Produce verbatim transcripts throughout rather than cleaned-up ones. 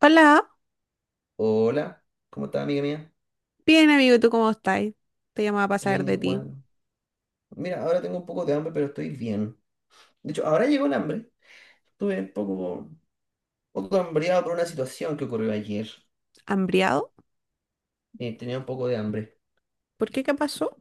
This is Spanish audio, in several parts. Hola, Hola, ¿cómo está, amiga mía? bien amigo, ¿tú cómo estás? Te llamaba para saber Bien, de ti. igual. Mira, ahora tengo un poco de hambre, pero estoy bien. De hecho, ahora llegó el hambre. Estuve un poco, poco hambriado por una situación que ocurrió ayer. ¿Hambriado? Eh, tenía un poco de hambre. ¿Por qué? ¿Qué pasó?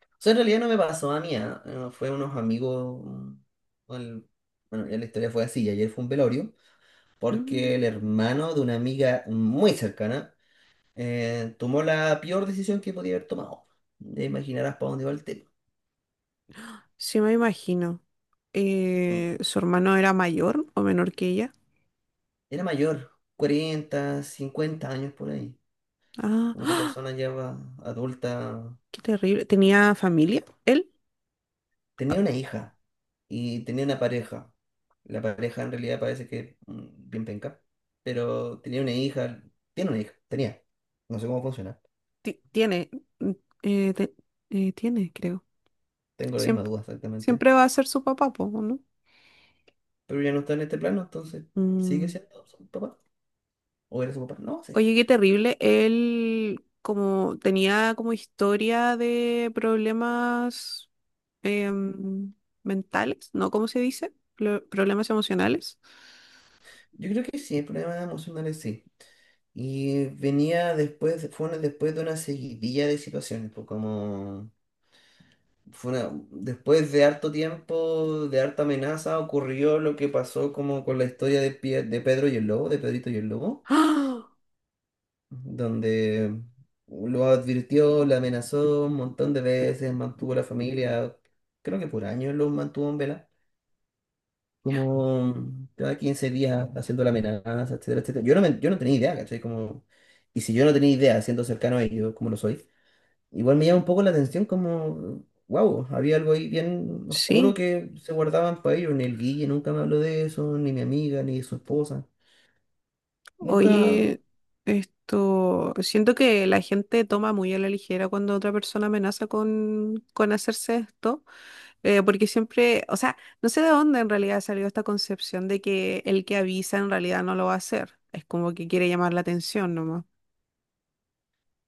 O sea, en realidad no me pasó a mí, ¿ah? Eh, Fue unos amigos. mm, el- bueno, ya la historia fue así. y Ayer fue un velorio, porque Mm, el hermano de una amiga muy cercana eh, tomó la peor decisión que podía haber tomado. Ya imaginarás para dónde va el tema. sí, me imagino. Eh, ¿su hermano era mayor o menor que ella? Era mayor, cuarenta cincuenta años por ahí. Ah, Una ¡ah! persona ya va- adulta. Qué terrible. ¿Tenía familia? Él Tenía una hija y tenía una pareja. La pareja en realidad parece que mm, bien penca, pero tenía una hija. Tiene una hija, tenía. No sé cómo funciona. ti- tiene, mm, eh, te- eh, tiene, creo. Tengo la misma Siempre, duda exactamente. siempre va a ser su papá, po, ¿no? Pero ya no está en este plano, entonces sigue Mm. siendo su papá. ¿O era su papá? No sé. Oye, qué terrible. Él como tenía como historia de problemas em, mentales, ¿no? ¿Cómo se dice? Pro- problemas emocionales. Yo creo que sí, el problema emocional es sí. Y venía después, fue una- después de una seguidilla de situaciones, pues como fue una- después de harto tiempo, de harta amenaza, ocurrió lo que pasó como con la historia de Pie- de Pedro y el Lobo, de Pedrito y el Lobo, ¡Ah! donde lo advirtió, le amenazó un montón de veces, mantuvo a la familia, creo que por años lo mantuvo en vela, como cada quince días haciendo la amenaza, etcétera, etcétera. Yo no, me- yo no tenía idea, ¿cachai? Como, y si yo no tenía idea, siendo cercano a ellos, como lo soy, igual me llama un poco la atención como, wow, había algo ahí bien oscuro Sí, que se guardaban para ellos. Ni el Guille nunca me habló de eso, ni mi amiga, ni su esposa. Nunca, oye, esto, pues siento que la gente toma muy a la ligera cuando otra persona amenaza con, con hacerse esto, eh, porque siempre, o sea, no sé de dónde en realidad salió esta concepción de que el que avisa en realidad no lo va a hacer, es como que quiere llamar la atención nomás.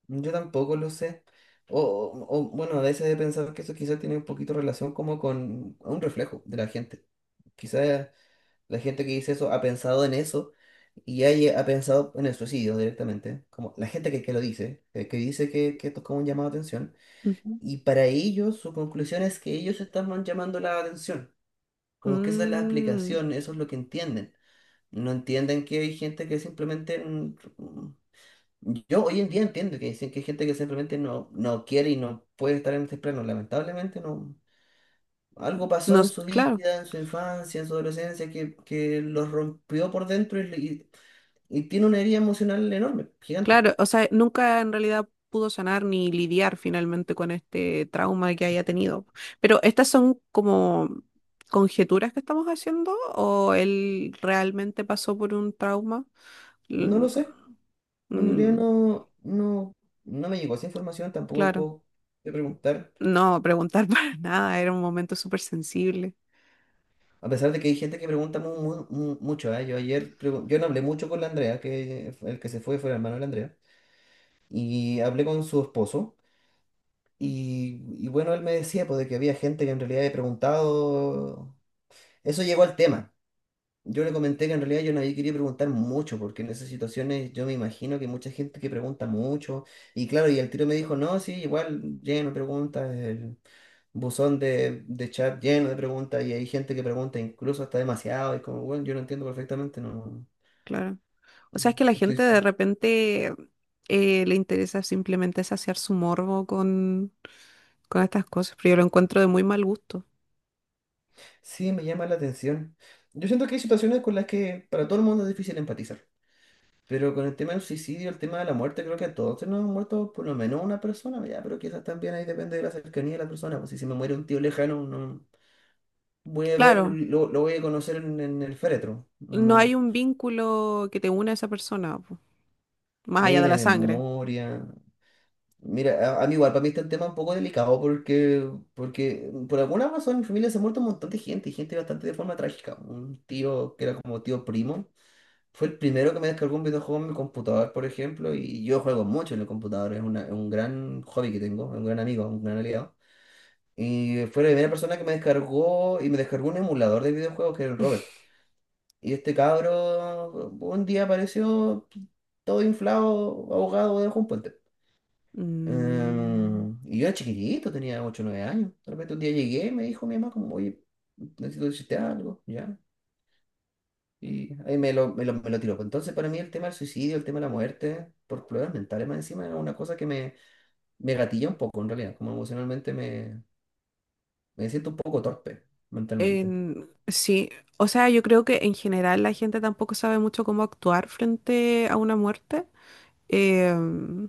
yo tampoco lo sé. O, o- o, bueno, a veces he pensado que eso quizás tiene un poquito relación como con un reflejo de la gente. Quizás la gente que dice eso ha pensado en eso y haya- ha pensado en el suicidio directamente. Como la gente que, que lo dice, eh, que dice que, que esto es como un llamado de atención. Ujú. Y para ellos, su conclusión es que ellos están llamando la atención. Como que esa es la Mm, explicación, eso es lo que entienden. No entienden que hay gente que simplemente. mm, mm, Yo hoy en día entiendo que dicen que hay gente que simplemente no, no quiere y no puede estar en este plano. Lamentablemente no. Algo no, pasó en s- su claro. vida, en su infancia, en su adolescencia, que, que los rompió por dentro y, y y tiene una herida emocional enorme, gigante. Claro, o sea, nunca en realidad pudo sanar ni lidiar finalmente con este trauma que haya tenido. Pero estas son como conjeturas que estamos haciendo o él realmente pasó por un trauma. No lo L- sé. Bueno, En realidad mm, no, no, no me llegó esa información claro, tampoco de preguntar. no preguntar para nada, era un momento súper sensible, A pesar de que hay gente que pregunta mu- mu- mu- mucho, ¿eh? Yo ayer, pregu- yo no hablé mucho con la Andrea, que fue- el que se fue fue el hermano de la Andrea, y hablé con su esposo, y, y bueno, él me decía pues, de que había gente que en realidad había preguntado, eso llegó al tema. Yo le comenté que en realidad yo no había querido preguntar mucho, porque en esas situaciones yo me imagino que hay mucha gente que pregunta mucho. Y claro, y el tiro me dijo, no, sí, igual lleno de preguntas, el buzón de, de chat lleno de preguntas, y hay gente que pregunta incluso hasta demasiado, y como, bueno, yo lo entiendo perfectamente, no claro. O sea, es que la no estoy. gente de repente eh, le interesa simplemente saciar su morbo con, con estas cosas, pero yo lo encuentro de muy mal gusto. Sí, me llama la atención. Yo siento que hay situaciones con las que para todo el mundo es difícil empatizar. Pero con el tema del suicidio, el tema de la muerte, creo que a todos se nos han muerto por lo menos una persona, ya, pero quizás también ahí depende de la cercanía de la persona. Pues si se me muere un tío lejano, no voy a verlo, Claro. lo, lo voy a conocer en, en el féretro. No hay No, un vínculo que te una a esa persona, po, más no hay allá de una la sangre. memoria. Mira, a, a mí igual, para mí está el tema un poco delicado porque, porque, por alguna razón en mi familia se ha muerto un montón de gente, y gente bastante de forma trágica. Un tío que era como tío primo. Fue el primero que me descargó un videojuego en mi computador, por ejemplo, y yo juego mucho en el computador, es una- es un gran hobby que tengo, es un gran amigo, un gran aliado. Y fue la primera persona que me descargó y me descargó un emulador de videojuegos que era el Robert. Y este cabro un día apareció todo inflado, ahogado debajo de un puente. Mm, Em, y yo era chiquitito, tenía ocho o nueve años. De repente un día llegué y me dijo mi mamá como, oye, necesito decirte algo, ¿ya? Y ahí me lo, me lo, me lo tiró. Entonces, para mí el tema del suicidio, el tema de la muerte, por problemas mentales más encima, es una cosa que me, me gatilla un poco en realidad. Como emocionalmente me, me siento un poco torpe mentalmente. en- sí, o sea, yo creo que en general la gente tampoco sabe mucho cómo actuar frente a una muerte. Em,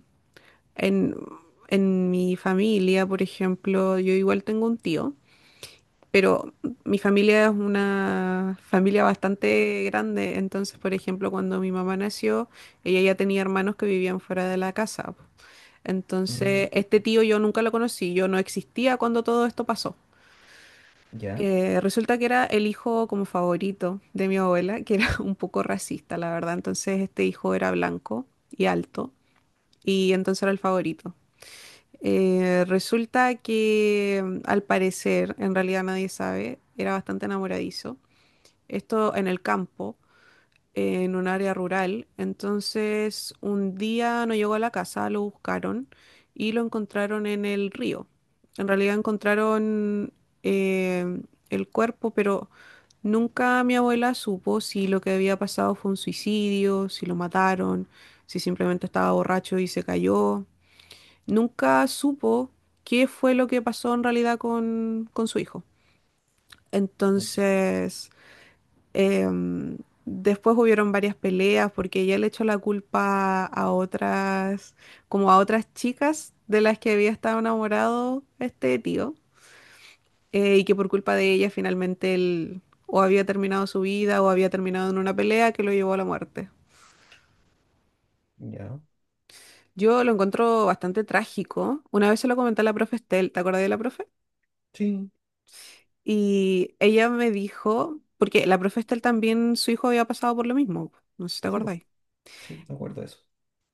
en, en mi familia, por ejemplo, yo igual tengo un tío, pero mi familia es una familia bastante grande, entonces, por ejemplo, cuando mi mamá nació, ella ya tenía hermanos que vivían fuera de la casa. Mm, Entonces, este tío yo nunca lo conocí, yo no existía cuando todo esto pasó. ya, Eh, resulta que era el hijo como favorito de mi abuela, que era un poco racista, la verdad. Entonces, este hijo era blanco y alto, y entonces era el favorito. Eh, resulta que, mm, al parecer, en realidad nadie sabe, era bastante enamoradizo. Esto en el campo, en un área rural. Entonces, un día no llegó a la casa, lo buscaron y lo encontraron en el río. En realidad encontraron eh, el cuerpo, pero nunca mi abuela supo si lo que había pasado fue un suicidio, si lo mataron, si simplemente estaba borracho y se cayó. Nunca supo qué fue lo que pasó en realidad con, con su hijo. Entonces... Em, después hubieron varias peleas porque ella le echó la culpa a otras, como a otras chicas de las que había estado enamorado este tío, eh, y que por culpa de ella finalmente él o había terminado su vida o había terminado en una pelea que lo llevó a la muerte. ya. Yo lo encuentro bastante trágico. Una vez se lo comenté a la profe Estel, ¿te acordás de la profe? Sí, Y ella me dijo, porque la profe Estel también, su hijo había pasado por lo mismo, no sé si te sí, po, acordáis. sí, me acuerdo de eso.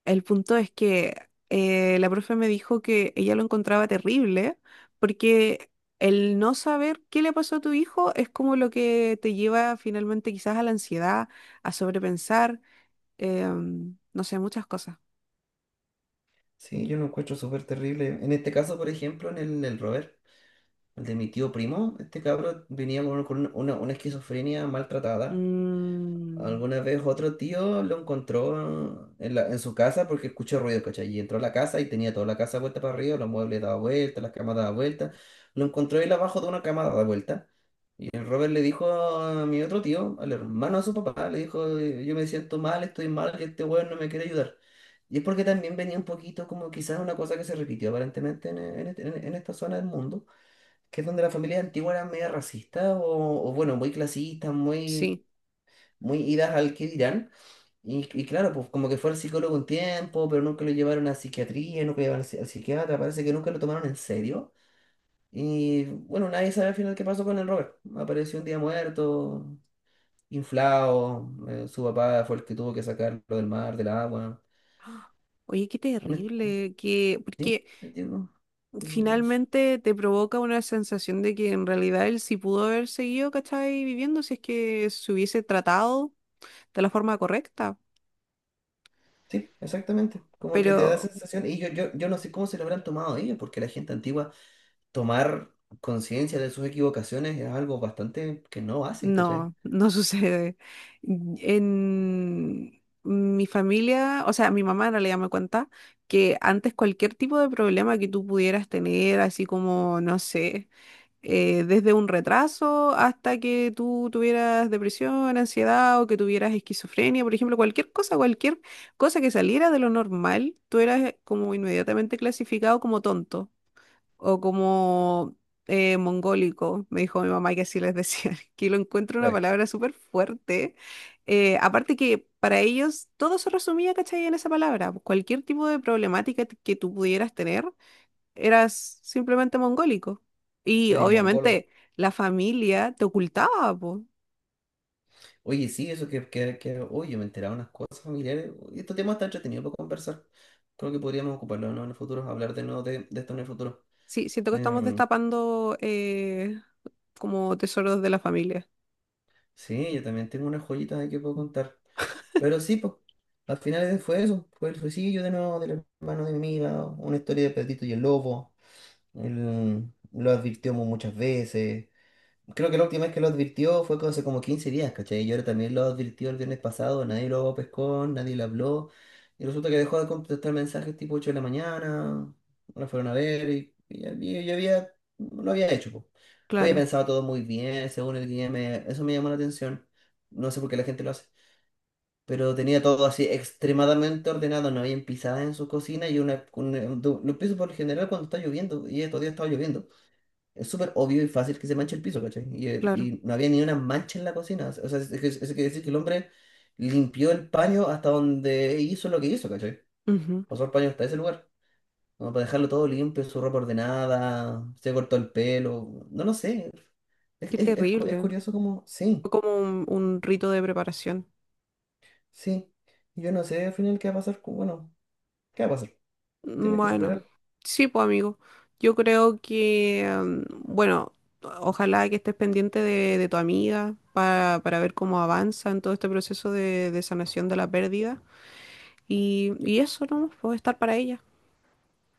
El punto es que eh, la profe me dijo que ella lo encontraba terrible porque el no saber qué le pasó a tu hijo es como lo que te lleva finalmente quizás a la ansiedad, a sobrepensar, em, no sé, muchas cosas. Sí, yo lo encuentro súper terrible. En este caso, por ejemplo, en el, el Robert, el de mi tío primo, este cabro venía con, con una, una esquizofrenia maltratada. Mm, Alguna vez otro tío lo encontró en, la- en su casa porque escuchó ruido, ¿cachai? Y entró a la casa y tenía toda la casa vuelta para arriba, los muebles daba vuelta, las camas daba vuelta. Lo encontró él abajo de una cama dada vuelta. Y el Robert le dijo a mi otro tío, al hermano de su papá, le dijo, "Eh, yo me siento mal, estoy mal, que este weón no me quiere ayudar". Y es porque también venía un poquito como quizás una cosa que se repitió aparentemente en, en este- en- en esta zona del mundo, que es donde las familias antiguas eran media racistas o, o, bueno, muy clasistas, muy, sí. muy idas al que dirán. Y, y claro, pues como que fue al psicólogo un tiempo, pero nunca lo llevaron a psiquiatría, nunca lo llevaron al, psi- al psiquiatra, parece que nunca lo tomaron en serio. Y bueno, nadie sabe al final qué pasó con el Robert. Apareció un día muerto, inflado, eh, su papá fue el que tuvo que sacarlo del mar, del agua. ¡Ah! Oye, qué Un- terrible, que, porque digo, digo, finalmente te provoca una sensación de que en realidad él sí pudo haber seguido, ¿cachai? Viviendo si es que se hubiese tratado de la forma correcta. Sí, exactamente. Como que te da Pero sensación, y yo, yo, yo no sé cómo se lo habrán tomado ellos, porque la gente antigua tomar conciencia de sus equivocaciones es algo bastante que no hacen, ¿cachai? no, no sucede. En mi familia, o sea, mi mamá en realidad me cuenta que antes cualquier tipo de problema que tú pudieras tener, así como, no sé, eh, desde un retraso hasta que tú tuvieras depresión, ansiedad o que tuvieras esquizofrenia, por ejemplo, cualquier cosa, cualquier cosa que saliera de lo normal, tú eras como inmediatamente clasificado como tonto o como eh, mongólico, me dijo mi mamá que así les decían, que lo encuentro una Pues, palabra súper fuerte. Eh, aparte que para ellos todo se resumía, ¿cachai? En esa palabra, pues. Cualquier tipo de problemática t- que tú pudieras tener, eras simplemente mongólico. Y eres mongolo. obviamente la familia te ocultaba, po. Oye, sí, eso que, que, que- oye, me enteraba unas cosas familiares. Y este tema está entretenido para conversar. Creo que podríamos ocuparlo, ¿no?, en el futuro, hablar de nuevo de, de esto en el futuro. Sí, siento que estamos Em, destapando eh, como tesoros de la familia. sí, yo también tengo unas joyitas ahí que puedo contar. Pero sí, pues, al final fue eso. Fue el suicidio de nuevo del hermano de mi amiga, una historia de Pedrito y el lobo. Él lo advirtió mu- muchas veces. Creo que la última vez que lo advirtió fue hace como quince días, ¿cachai? Y ahora también lo advirtió el viernes pasado, nadie lo pescó, nadie le habló. Y resulta que dejó de contestar mensajes tipo ocho de la mañana, no fueron a ver y, y ya, y ya había, lo había hecho, po. Lo había Claro, pensado todo muy bien, según el guía, me- eso me llamó la atención. No sé por qué la gente lo hace. Pero tenía todo así extremadamente ordenado, no había pisadas en su cocina y una, un, un- lo empiezo por lo general cuando está lloviendo, y estos días estaba lloviendo. Es súper obvio y fácil que se manche el piso, ¿cachai? Y, eh, claro. y no había ni una mancha en la cocina. O sea, es- es que- eso quiere decir que el hombre limpió el paño hasta donde hizo lo que hizo, ¿cachai? Ujú. Pasó el paño hasta ese lugar. Como para dejarlo todo limpio, su ropa ordenada, se cortó el pelo. No lo sé. Es, Qué es- es cu- Es terrible. curioso como, sí, Fue como un un rito de preparación. sí. Yo no sé al final qué va a pasar. con- Bueno, ¿qué va a pasar? Mm, Tiene que bueno, superarlo, sí, pues amigo, yo creo que, mm, bueno, ojalá que estés pendiente de, de tu amiga para, para ver cómo avanza en todo este proceso de, de sanación de la pérdida. Y, y eso, ¿no? Puedo estar para ella.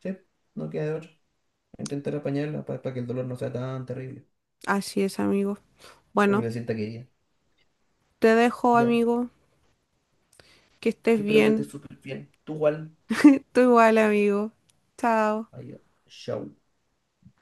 ¿sí? No queda de otra. Intentar apañarla para que el dolor no sea tan terrible. Así es, amigo. O que Bueno, se sienta querida. te dejo, Ya. amigo, que estés que espero que estés bien. súper bien. Tú igual. Tú igual, amigo. Chao. Adiós. Chau.